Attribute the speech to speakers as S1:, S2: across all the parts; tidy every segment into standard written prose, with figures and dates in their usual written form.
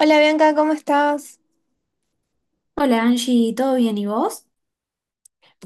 S1: Hola Bianca, ¿cómo estás?
S2: Hola Angie, ¿todo bien y vos?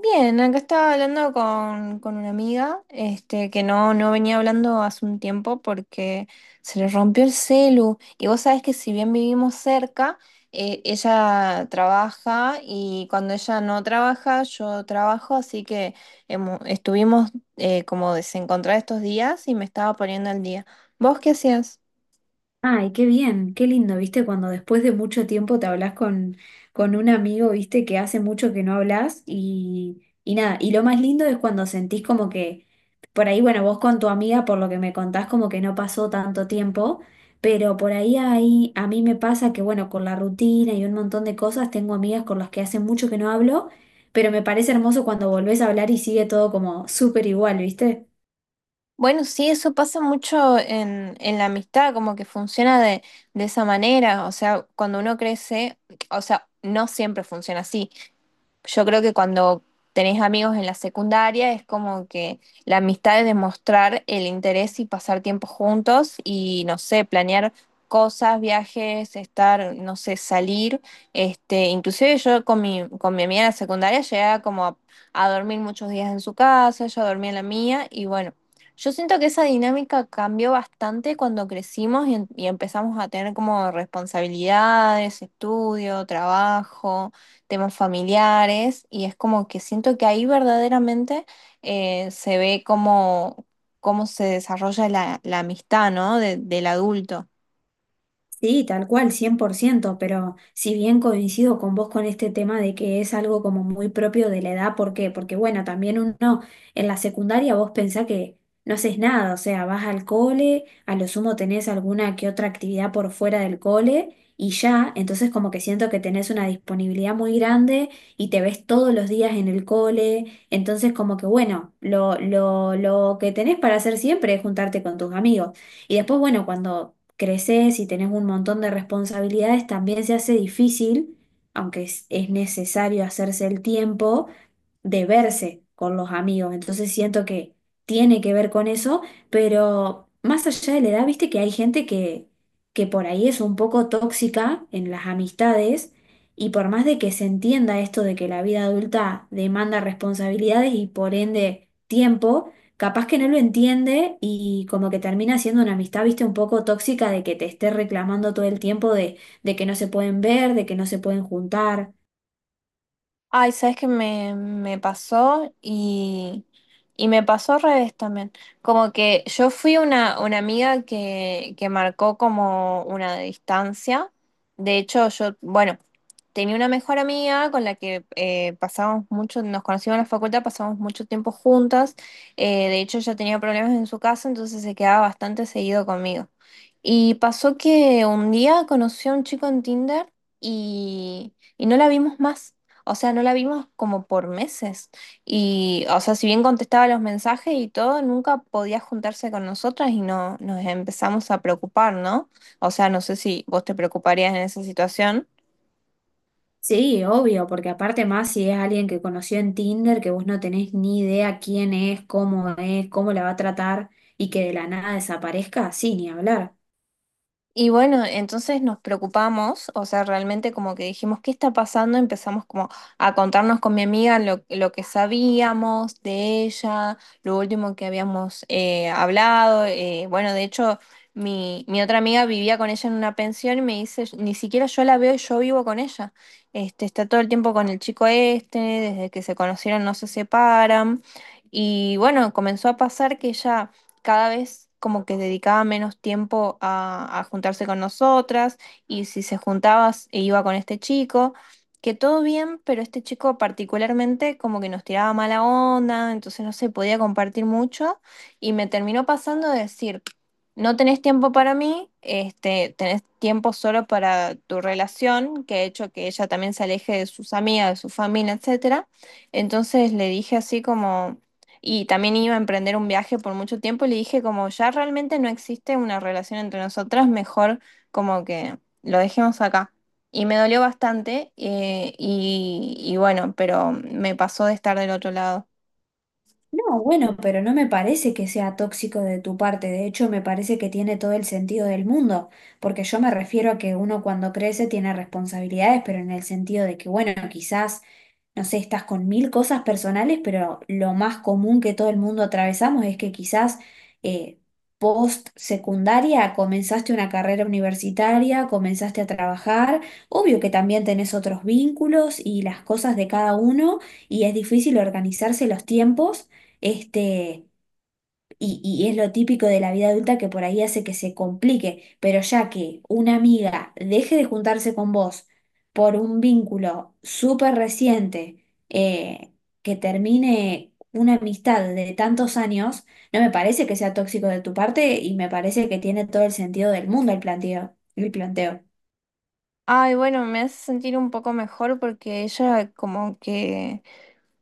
S1: Bien, acá estaba hablando con una amiga, este, que no venía hablando hace un tiempo porque se le rompió el celu. Y vos sabés que si bien vivimos cerca, ella trabaja y cuando ella no trabaja, yo trabajo, así que estuvimos como desencontradas estos días y me estaba poniendo al día. ¿Vos qué hacías?
S2: Ay, qué bien, qué lindo, ¿viste? Cuando después de mucho tiempo te hablas con un amigo, ¿viste? Que hace mucho que no hablas y nada, y lo más lindo es cuando sentís como que, por ahí, bueno, vos con tu amiga, por lo que me contás, como que no pasó tanto tiempo, pero por ahí, ahí a mí me pasa que, bueno, con la rutina y un montón de cosas, tengo amigas con las que hace mucho que no hablo, pero me parece hermoso cuando volvés a hablar y sigue todo como súper igual, ¿viste?
S1: Bueno, sí, eso pasa mucho en la amistad, como que funciona de esa manera, o sea, cuando uno crece, o sea, no siempre funciona así, yo creo que cuando tenés amigos en la secundaria es como que la amistad es demostrar el interés y pasar tiempo juntos y no sé, planear cosas, viajes, estar, no sé, salir. Este, inclusive yo con mi amiga en la secundaria llegaba como a dormir muchos días en su casa, ella dormía en la mía y bueno, yo siento que esa dinámica cambió bastante cuando crecimos y, y empezamos a tener como responsabilidades, estudio, trabajo, temas familiares y es como que siento que ahí verdaderamente se ve cómo, cómo se desarrolla la amistad, ¿no? Del adulto.
S2: Sí, tal cual, 100%, pero si bien coincido con vos con este tema de que es algo como muy propio de la edad, ¿por qué? Porque bueno, también uno en la secundaria vos pensás que no haces nada, o sea, vas al cole, a lo sumo tenés alguna que otra actividad por fuera del cole y ya, entonces como que siento que tenés una disponibilidad muy grande y te ves todos los días en el cole, entonces como que bueno, lo que tenés para hacer siempre es juntarte con tus amigos. Y después, bueno, cuando creces y tenés un montón de responsabilidades, también se hace difícil, aunque es necesario hacerse el tiempo, de verse con los amigos. Entonces siento que tiene que ver con eso, pero más allá de la edad, viste que hay gente que por ahí es un poco tóxica en las amistades y por más de que se entienda esto de que la vida adulta demanda responsabilidades y por ende tiempo, capaz que no lo entiende y como que termina siendo una amistad, viste, un poco tóxica de que te esté reclamando todo el tiempo de que no se pueden ver, de que no se pueden juntar.
S1: Ay, ¿sabes qué me pasó? Y me pasó al revés también. Como que yo fui una amiga que marcó como una distancia. De hecho, yo, bueno, tenía una mejor amiga con la que pasábamos mucho, nos conocimos en la facultad, pasábamos mucho tiempo juntas. De hecho, ella tenía problemas en su casa, entonces se quedaba bastante seguido conmigo. Y pasó que un día conoció a un chico en Tinder y no la vimos más. O sea, no la vimos como por meses. Y, o sea, si bien contestaba los mensajes y todo, nunca podía juntarse con nosotras y no, nos empezamos a preocupar, ¿no? O sea, no sé si vos te preocuparías en esa situación.
S2: Sí, obvio, porque aparte más si es alguien que conoció en Tinder, que vos no tenés ni idea quién es, cómo la va a tratar y que de la nada desaparezca, sí, ni hablar.
S1: Y bueno, entonces nos preocupamos, o sea, realmente como que dijimos, ¿qué está pasando? Empezamos como a contarnos con mi amiga lo que sabíamos de ella, lo último que habíamos hablado. Eh, bueno, de hecho, mi otra amiga vivía con ella en una pensión y me dice, ni siquiera yo la veo y yo vivo con ella. Este, está todo el tiempo con el chico este, desde que se conocieron no se separan. Y bueno, comenzó a pasar que ella cada vez como que dedicaba menos tiempo a juntarse con nosotras y si se juntaba e iba con este chico, que todo bien, pero este chico particularmente como que nos tiraba mala onda, entonces no se podía compartir mucho y me terminó pasando de decir, no tenés tiempo para mí, este, tenés tiempo solo para tu relación, que ha hecho que ella también se aleje de sus amigas, de su familia, etcétera. Entonces le dije así como, y también iba a emprender un viaje por mucho tiempo y le dije como ya realmente no existe una relación entre nosotras, mejor como que lo dejemos acá. Y me dolió bastante, y bueno, pero me pasó de estar del otro lado.
S2: No, bueno, pero no me parece que sea tóxico de tu parte, de hecho me parece que tiene todo el sentido del mundo, porque yo me refiero a que uno cuando crece tiene responsabilidades, pero en el sentido de que, bueno, quizás no sé, estás con mil cosas personales, pero lo más común que todo el mundo atravesamos es que quizás eh, post secundaria comenzaste una carrera universitaria, comenzaste a trabajar, obvio que también tenés otros vínculos y las cosas de cada uno y es difícil organizarse los tiempos. Este, y es lo típico de la vida adulta que por ahí hace que se complique, pero ya que una amiga deje de juntarse con vos por un vínculo súper reciente, que termine una amistad de tantos años, no me parece que sea tóxico de tu parte y me parece que tiene todo el sentido del mundo el planteo, el planteo.
S1: Ay, bueno, me hace sentir un poco mejor porque ella como que,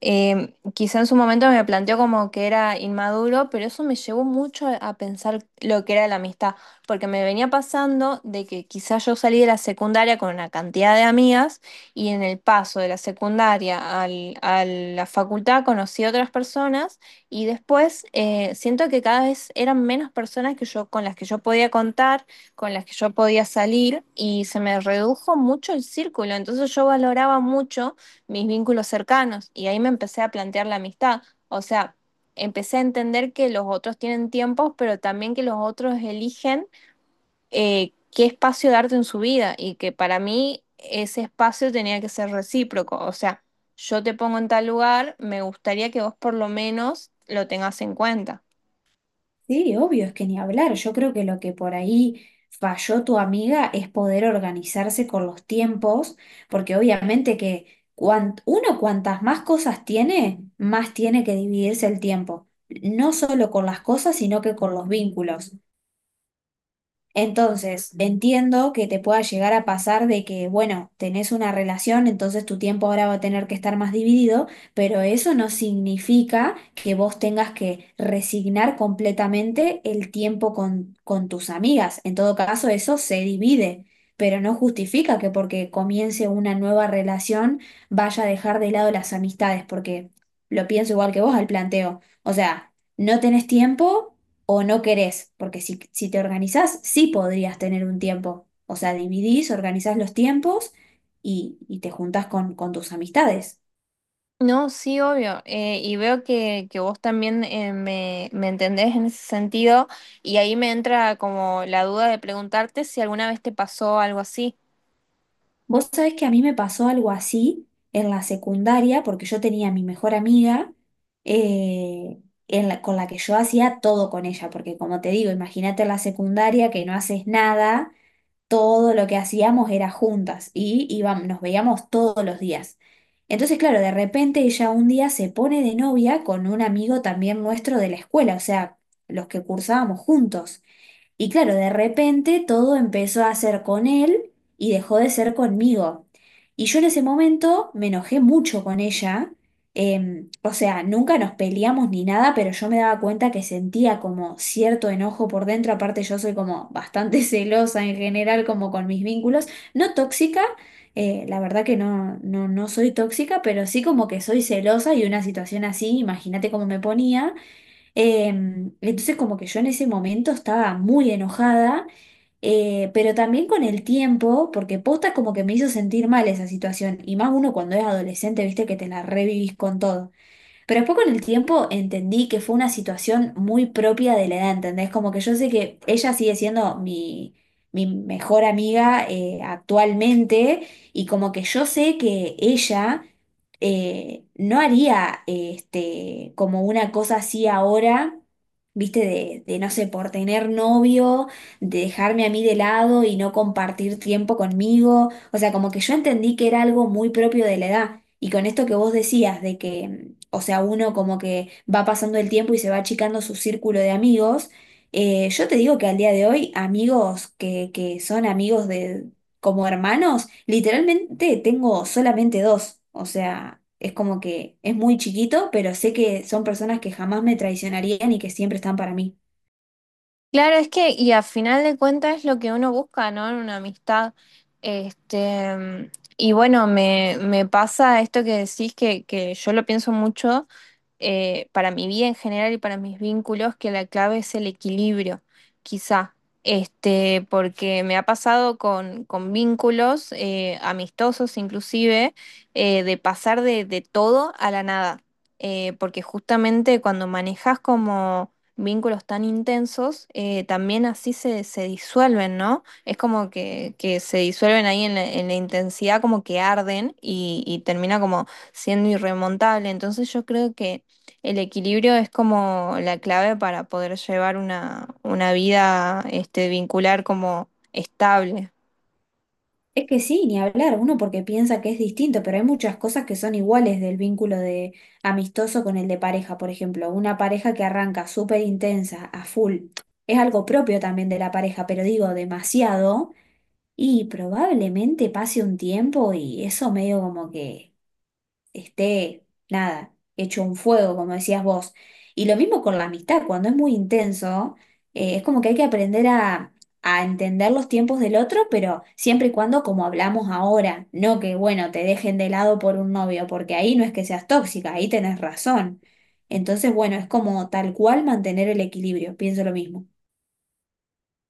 S1: eh, quizá en su momento me planteó como que era inmaduro, pero eso me llevó mucho a pensar lo que era la amistad, porque me venía pasando de que quizá yo salí de la secundaria con una cantidad de amigas y en el paso de la secundaria a la facultad conocí otras personas y después siento que cada vez eran menos personas que yo, con las que yo podía contar, con las que yo podía salir y se me redujo mucho el círculo, entonces yo valoraba mucho mis vínculos cercanos y ahí me empecé a plantear la amistad. O sea, empecé a entender que los otros tienen tiempos, pero también que los otros eligen qué espacio darte en su vida y que para mí ese espacio tenía que ser recíproco. O sea, yo te pongo en tal lugar, me gustaría que vos por lo menos lo tengas en cuenta.
S2: Sí, obvio, es que ni hablar. Yo creo que lo que por ahí falló tu amiga es poder organizarse con los tiempos, porque obviamente que uno cuantas más cosas tiene, más tiene que dividirse el tiempo, no solo con las cosas, sino que con los vínculos. Entonces, entiendo que te pueda llegar a pasar de que, bueno, tenés una relación, entonces tu tiempo ahora va a tener que estar más dividido, pero eso no significa que vos tengas que resignar completamente el tiempo con tus amigas. En todo caso, eso se divide, pero no justifica que porque comience una nueva relación vaya a dejar de lado las amistades, porque lo pienso igual que vos al planteo. O sea, no tenés tiempo o no querés, porque si te organizás, sí podrías tener un tiempo. O sea, dividís, organizás los tiempos y te juntás con tus amistades.
S1: No, sí, obvio. Y veo que vos también, me entendés en ese sentido y ahí me entra como la duda de preguntarte si alguna vez te pasó algo así.
S2: Vos sabés que a mí me pasó algo así en la secundaria, porque yo tenía a mi mejor amiga eh, con la que yo hacía todo con ella, porque como te digo, imagínate la secundaria que no haces nada, todo lo que hacíamos era juntas y íbamos, nos veíamos todos los días. Entonces, claro, de repente ella un día se pone de novia con un amigo también nuestro de la escuela, o sea, los que cursábamos juntos. Y claro, de repente todo empezó a ser con él y dejó de ser conmigo. Y yo en ese momento me enojé mucho con ella. O sea, nunca nos peleamos ni nada, pero yo me daba cuenta que sentía como cierto enojo por dentro. Aparte, yo soy como bastante celosa en general, como con mis vínculos. No tóxica, la verdad que no, no soy tóxica, pero sí como que soy celosa y una situación así, imagínate cómo me ponía. Entonces como que yo en ese momento estaba muy enojada, pero también con el tiempo, porque posta como que me hizo sentir mal esa situación, y más uno cuando es adolescente, viste que te la revivís con todo. Pero después con el tiempo entendí que fue una situación muy propia de la edad, ¿entendés? Como que yo sé que ella sigue siendo mi mejor amiga actualmente y como que yo sé que ella no haría este, como una cosa así ahora. Viste, de no sé, por tener novio, de dejarme a mí de lado y no compartir tiempo conmigo. O sea, como que yo entendí que era algo muy propio de la edad. Y con esto que vos decías, de que o sea, uno como que va pasando el tiempo y se va achicando su círculo de amigos. Yo te digo que al día de hoy, amigos que son amigos de como hermanos, literalmente tengo solamente 2. O sea, es como que es muy chiquito, pero sé que son personas que jamás me traicionarían y que siempre están para mí.
S1: Claro, es que, y a final de cuentas es lo que uno busca, ¿no? En una amistad. Este, y bueno, me pasa esto que decís que yo lo pienso mucho, para mi vida en general y para mis vínculos, que la clave es el equilibrio, quizá. Este, porque me ha pasado con vínculos amistosos inclusive, de pasar de todo a la nada. Porque justamente cuando manejas como vínculos tan intensos, también así se disuelven, ¿no? Es como que se disuelven ahí en la intensidad, como que arden y termina como siendo irremontable. Entonces yo creo que el equilibrio es como la clave para poder llevar una vida, este, vincular como estable.
S2: Es que sí, ni hablar, uno porque piensa que es distinto, pero hay muchas cosas que son iguales del vínculo de amistoso con el de pareja, por ejemplo, una pareja que arranca súper intensa, a full, es algo propio también de la pareja, pero digo demasiado, y probablemente pase un tiempo y eso medio como que esté, nada, hecho un fuego, como decías vos. Y lo mismo con la amistad, cuando es muy intenso, es como que hay que aprender a entender los tiempos del otro, pero siempre y cuando como hablamos ahora, no que, bueno, te dejen de lado por un novio, porque ahí no es que seas tóxica, ahí tenés razón. Entonces, bueno, es como tal cual mantener el equilibrio, pienso lo mismo.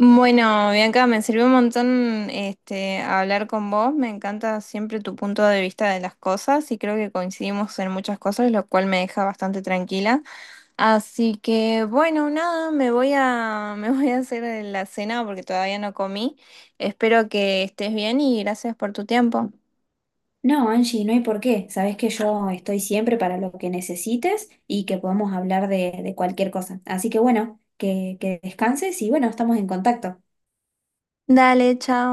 S1: Bueno, Bianca, me sirvió un montón, este, hablar con vos. Me encanta siempre tu punto de vista de las cosas y creo que coincidimos en muchas cosas, lo cual me deja bastante tranquila. Así que bueno, nada, me voy a, me voy a hacer la cena porque todavía no comí. Espero que estés bien y gracias por tu tiempo.
S2: No, Angie, no hay por qué. Sabes que yo estoy siempre para lo que necesites y que podemos hablar de cualquier cosa. Así que bueno, que descanses y bueno, estamos en contacto.
S1: Dale, chao.